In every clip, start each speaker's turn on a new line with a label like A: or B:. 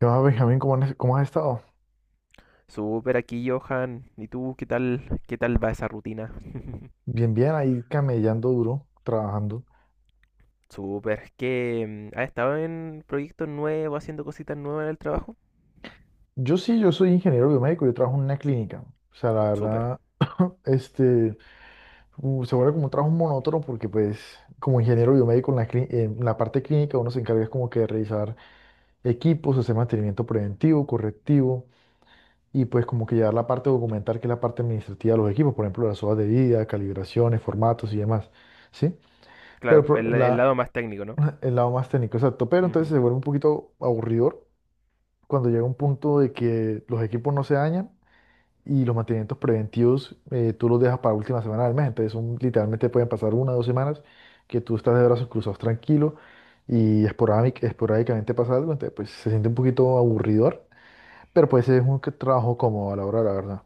A: ¿Qué más, Benjamín? ¿Cómo has estado?
B: Súper aquí, Johan. ¿Y tú qué tal va esa rutina?
A: Bien, bien, ahí camellando duro, trabajando.
B: Súper. Has estado en proyectos nuevos, haciendo cositas nuevas en el trabajo.
A: Yo sí, yo soy ingeniero biomédico, yo trabajo en una clínica. O sea, la
B: Súper.
A: verdad, este, se vuelve como un trabajo monótono porque pues como ingeniero biomédico en la parte clínica uno se encarga es como que de revisar equipos, hacer mantenimiento preventivo, correctivo y pues como que llevar la parte documental que es la parte administrativa de los equipos, por ejemplo, las hojas de vida, calibraciones, formatos y demás. ¿Sí?
B: Claro,
A: Pero pro-
B: el
A: la,
B: lado más técnico, ¿no?
A: el lado más técnico, exacto. Pero entonces
B: Ujú.
A: se vuelve un poquito aburridor cuando llega un punto de que los equipos no se dañan y los mantenimientos preventivos tú los dejas para última semana del mes. Entonces son, literalmente pueden pasar una o dos semanas que tú estás de brazos cruzados tranquilo y esporádicamente pasa algo, entonces pues se siente un poquito aburridor, pero pues es un trabajo cómodo a la hora, de la verdad.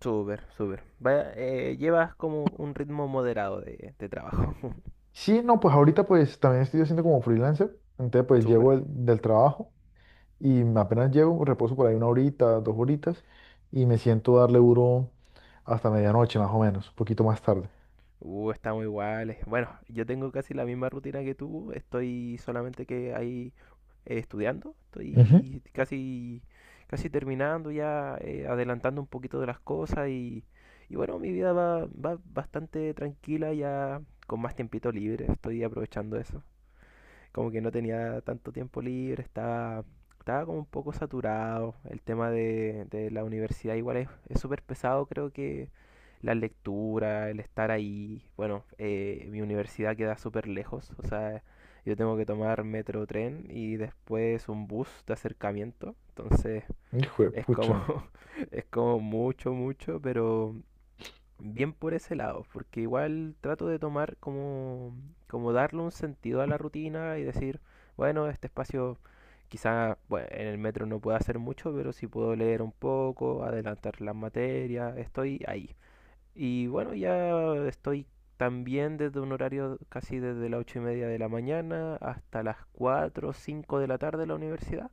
B: Súper, súper. Vaya, llevas como un ritmo moderado de trabajo.
A: Sí, no, pues ahorita pues también estoy haciendo como freelancer, entonces pues llego
B: Súper.
A: del trabajo. Y apenas llego, reposo por ahí una horita, dos horitas y me siento a darle duro hasta medianoche más o menos, un poquito más tarde.
B: Estamos iguales. Bueno, yo tengo casi la misma rutina que tú. Estoy solamente que hay estudiando,
A: Ujú.
B: casi terminando ya, adelantando un poquito de las cosas y bueno, mi vida va bastante tranquila ya con más tiempito libre, estoy aprovechando eso como que no tenía tanto tiempo libre, estaba como un poco saturado. El tema de la universidad igual es súper pesado, creo que la lectura, el estar ahí. Bueno, mi universidad queda súper lejos, o sea, yo tengo que tomar metro tren y después un bus de acercamiento. Entonces
A: Hijo de
B: es como,
A: pucha.
B: es como mucho, mucho, pero bien por ese lado, porque igual trato de tomar como darle un sentido a la rutina y decir, bueno, este espacio quizá bueno, en el metro no pueda hacer mucho, pero sí puedo leer un poco, adelantar las materias, estoy ahí. Y bueno, ya estoy también desde un horario casi desde las 8:30 de la mañana hasta las 4 o 5 de la tarde en la universidad.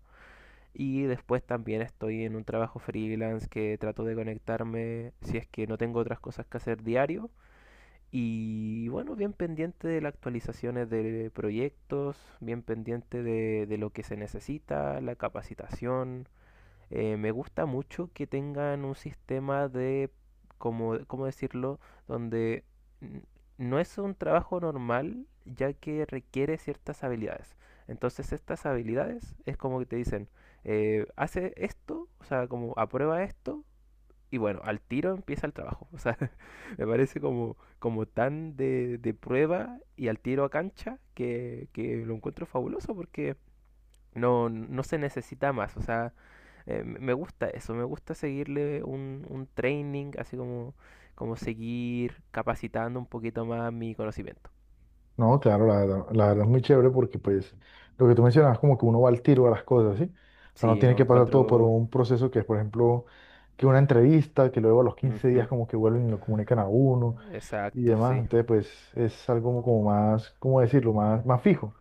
B: Y después también estoy en un trabajo freelance que trato de conectarme si es que no tengo otras cosas que hacer diario. Y bueno, bien pendiente de las actualizaciones de proyectos, bien pendiente de lo que se necesita, la capacitación, me gusta mucho que tengan un sistema de, como, ¿cómo decirlo? Donde n- no es un trabajo normal, ya que requiere ciertas habilidades. Entonces estas habilidades es como que te dicen, hace esto, o sea, como aprueba esto, y bueno, al tiro empieza el trabajo. O sea, me parece como, como tan de prueba y al tiro a cancha que lo encuentro fabuloso porque no, no se necesita más, o sea, me gusta eso, me gusta seguirle un training, así como, como seguir capacitando un poquito más mi conocimiento.
A: No, claro, la verdad es muy chévere porque pues lo que tú mencionabas como que uno va al tiro a las cosas, ¿sí? O sea, no
B: Sí,
A: tiene
B: no
A: que pasar todo por
B: encuentro...
A: un proceso que es, por ejemplo, que una entrevista, que luego a los 15 días
B: Ujú.
A: como que vuelven y lo comunican a uno y
B: Exacto,
A: demás.
B: sí.
A: Entonces, pues es algo como, como más, ¿cómo decirlo? Más, más fijo.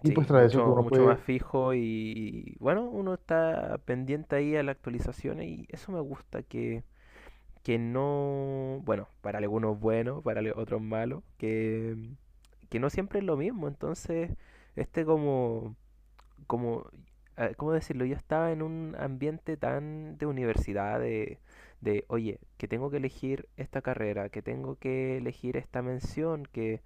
A: Y pues
B: Sí,
A: tras eso que
B: mucho,
A: uno
B: mucho más
A: puede,
B: fijo y bueno, uno está pendiente ahí a las actualizaciones y eso me gusta que no, bueno, para algunos bueno, otros malo, que no siempre es lo mismo, entonces este como como, ¿cómo decirlo? Yo estaba en un ambiente tan de universidad, de, oye, que tengo que elegir esta carrera, que tengo que elegir esta mención,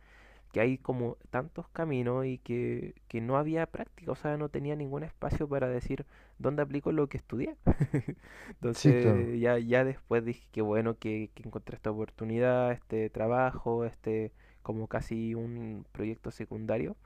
B: que hay como tantos caminos y que no había práctica, o sea, no tenía ningún espacio para decir dónde aplico lo que estudié.
A: sí, claro.
B: Entonces, ya después dije que bueno que encontré esta oportunidad, este trabajo, este como casi un proyecto secundario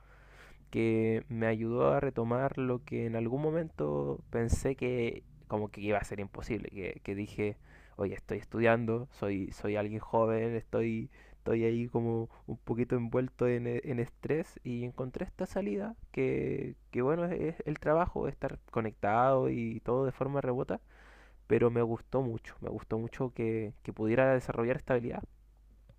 B: que me ayudó a retomar lo que en algún momento pensé que como que iba a ser imposible, que dije, oye, estoy estudiando, soy alguien joven, estoy, estoy ahí como un poquito envuelto en estrés y encontré esta salida que bueno, es el trabajo, estar conectado y todo de forma remota, pero me gustó mucho que pudiera desarrollar esta habilidad.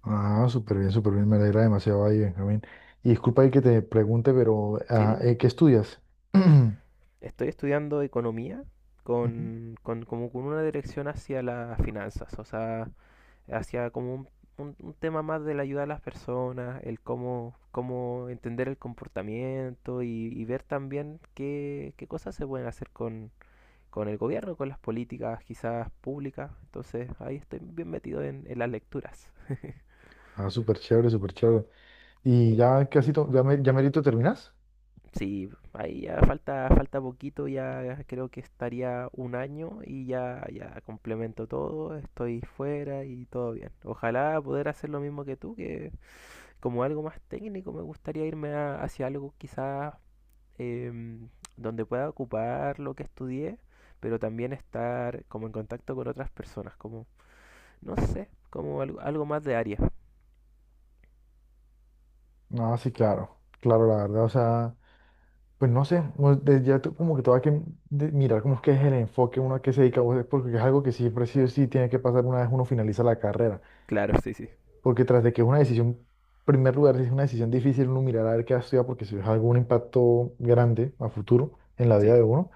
A: Ah, súper bien, súper bien. Me alegra demasiado ahí, Benjamín. Y disculpa ahí que te pregunte, pero
B: Sí, dime.
A: ¿qué estudias? Ujú.
B: Estoy estudiando economía con, como con una dirección hacia las finanzas, o sea, hacia como un, un tema más de la ayuda a las personas, el cómo, cómo entender el comportamiento y ver también qué, qué cosas se pueden hacer con el gobierno, con las políticas quizás públicas. Entonces ahí estoy bien metido en las lecturas.
A: Ah, súper chévere, súper chévere. ¿Y ya casi, to- ya, me, ya merito terminas?
B: Sí, ahí ya falta, falta poquito, ya creo que estaría un año y ya, ya complemento todo, estoy fuera y todo bien. Ojalá poder hacer lo mismo que tú, que como algo más técnico me gustaría hacia algo quizás em, donde pueda ocupar lo que estudié, pero también estar como en contacto con otras personas, como, no sé, como algo, algo más de área.
A: Ah, sí, claro, claro, la verdad, o sea, pues no sé, pues, de- ya tú como que todo hay que de- mirar cómo es que es el enfoque, uno a qué se dedica, o sea, porque es algo que siempre sí o sí tiene que pasar una vez uno finaliza la carrera.
B: Claro, sí, sí.
A: Porque tras de que es una decisión, en primer lugar, es una decisión difícil uno mirar a ver qué va a estudiar porque si es algún impacto grande a futuro en la vida
B: Sí,
A: de uno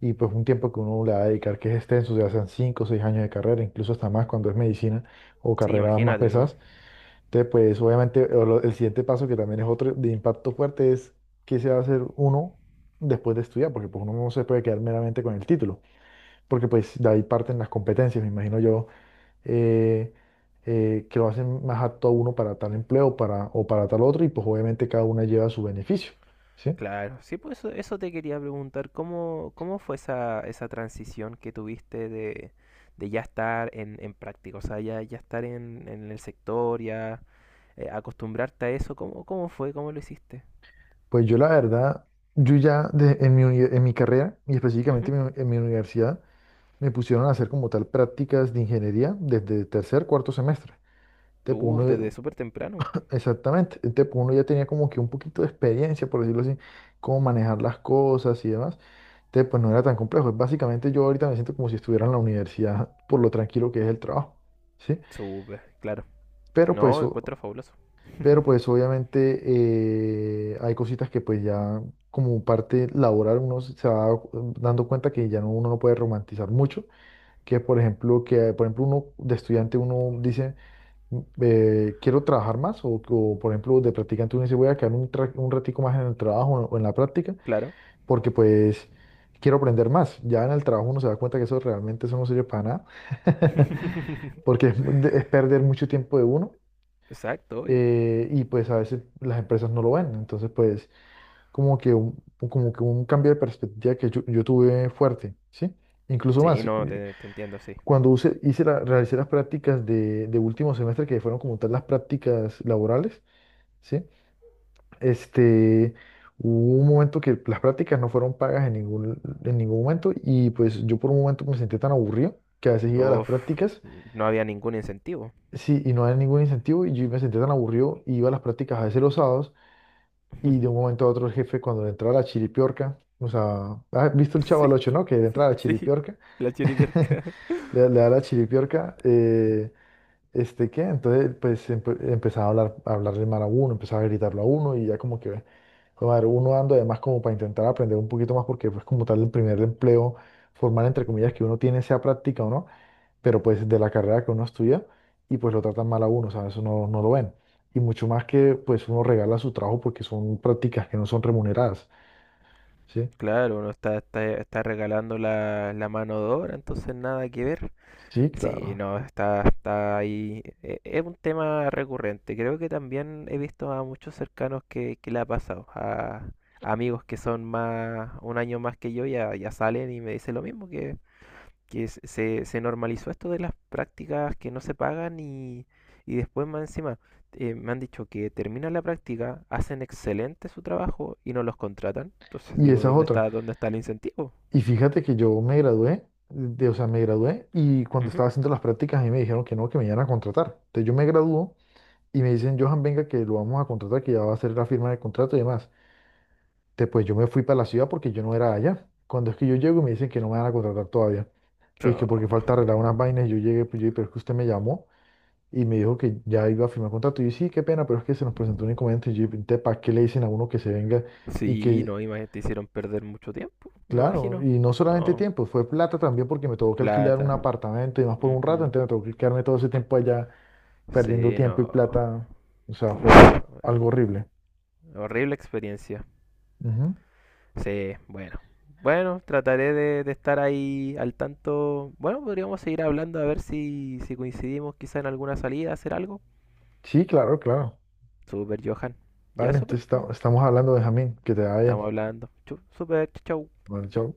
A: y pues un tiempo que uno le va a dedicar que es extenso, ya sean 5 o 6 años de carrera, incluso hasta más cuando es medicina o
B: sí,
A: carreras más
B: imagínate, ¿no?
A: pesadas. Entonces, pues obviamente o lo- el siguiente paso que también es otro de impacto fuerte es qué se va a hacer uno después de estudiar, porque pues uno no se puede quedar meramente con el título, porque pues de ahí parten las competencias, me imagino yo eh, que lo hacen más apto a uno para tal empleo para, o para tal otro, y pues obviamente cada una lleva su beneficio, ¿sí?
B: Claro, sí, pues eso te quería preguntar, ¿cómo, cómo fue esa, esa transición que tuviste de ya estar en práctica, o sea, ya, ya estar en el sector, ya acostumbrarte a eso, ¿cómo, cómo fue, cómo lo hiciste?
A: Pues yo la verdad, yo ya de- en mi, uni- en mi carrera y específicamente
B: Ujú.
A: en mi universidad, me pusieron a hacer como tal prácticas de ingeniería desde tercer, cuarto semestre. Entonces, pues,
B: Uf, desde
A: uno,
B: súper temprano,
A: exactamente. Entonces, pues, uno ya tenía como que un poquito de experiencia, por decirlo así, cómo manejar las cosas y demás. Entonces, pues no era tan complejo. Básicamente yo ahorita me siento como si estuviera en la universidad por lo tranquilo que es el trabajo, ¿sí?
B: súper, claro.
A: Pero pues,
B: No,
A: o-
B: encuentro fabuloso,
A: pero pues obviamente hay cositas que pues ya como parte laboral uno se va dando cuenta que ya no, uno no puede romantizar mucho, que por ejemplo uno de estudiante uno dice quiero trabajar más por ejemplo de practicante uno dice voy a quedar un ratico más en el trabajo o en la práctica
B: claro.
A: porque pues quiero aprender más. Ya en el trabajo uno se da cuenta que eso realmente eso no sirve para nada porque es, mu- de- es perder mucho tiempo de uno
B: Exacto, obvio.
A: y pues a veces las empresas no lo ven. Entonces pues como que un, como que un cambio de perspectiva que yo tuve fuerte, ¿sí? Incluso
B: Sí,
A: más,
B: no, te entiendo, sí.
A: cuando realicé las prácticas de último semestre, que fueron como tal las prácticas laborales, ¿sí? Este, hubo un momento que las prácticas no fueron pagas en ningún momento y pues yo por un momento me sentí tan aburrido que a veces iba a las
B: Uf,
A: prácticas,
B: no había ningún incentivo.
A: sí, y no había ningún incentivo y yo me sentí tan aburrido y iba a las prácticas a veces los sábados y de un momento a otro el jefe cuando le entraba la chiripiorca, o sea, ¿has visto el Chavo
B: Sí,
A: al Ocho, no? Que le entra la
B: sí, sí,
A: chiripiorca,
B: la chiriberca.
A: le da la chiripiorca, este, ¿qué? Entonces, pues empezaba a hablar, a hablarle mal a uno, empezaba a gritarlo a uno y ya como que, joder, madre, uno ando además como para intentar aprender un poquito más porque pues como tal el primer empleo formal, entre comillas, que uno tiene, sea práctica o no, pero pues de la carrera que uno estudia y pues lo tratan mal a uno, o sea, eso no, no lo ven. Y mucho más que pues uno regala su trabajo porque son prácticas que no son remuneradas, ¿sí?
B: Claro, uno está, está, está regalando la, la mano de obra, entonces nada que ver.
A: Sí,
B: Sí,
A: claro.
B: no, está, está ahí. Es un tema recurrente. Creo que también he visto a muchos cercanos que le ha pasado. A amigos que son más, un año más que yo ya, ya salen y me dicen lo mismo, que se, se normalizó esto de las prácticas que no se pagan y después más encima me han dicho que terminan la práctica, hacen excelente su trabajo y no los contratan. Entonces
A: Y
B: digo,
A: esa es otra.
B: dónde está el incentivo?
A: Y fíjate que yo me gradué, de, o sea, me gradué y cuando
B: Ujú.
A: estaba haciendo las prácticas a mí me dijeron que no, que me iban a contratar. Entonces yo me graduó y me dicen, Johan, venga, que lo vamos a contratar, que ya va a hacer la firma de contrato y demás. Entonces pues yo me fui para la ciudad porque yo no era allá. Cuando es que yo llego y me dicen que no me van a contratar todavía. Y es
B: Pero...
A: que porque falta arreglar unas vainas, yo llegué, pues yo, pero es que usted me llamó y me dijo que ya iba a firmar contrato. Y yo, sí, qué pena, pero es que se nos presentó un inconveniente. Y yo, ¿para qué le dicen a uno que se venga y
B: Sí,
A: que
B: no, imagínate, te hicieron perder mucho tiempo, me
A: Claro,
B: imagino.
A: y no solamente
B: No,
A: tiempo, fue plata también porque me tuvo que alquilar
B: plata.
A: un apartamento y más por un rato,
B: Ujú.
A: entonces me tuvo que quedarme todo ese tiempo allá perdiendo
B: Sí,
A: tiempo y
B: no.
A: plata, o sea,
B: Puf,
A: fue
B: bueno,
A: algo horrible.
B: horrible experiencia.
A: Ujú.
B: Sí, bueno. Bueno, trataré de estar ahí al tanto. Bueno, podríamos seguir hablando a ver si, si coincidimos quizá en alguna salida, hacer algo.
A: Sí, claro, claro.
B: Super, Johan. Ya,
A: Vale, entonces
B: super,
A: esta-
B: po.
A: estamos hablando de Jamín, que te vaya
B: Estamos
A: bien.
B: hablando. Super, chau.
A: Vale, chao.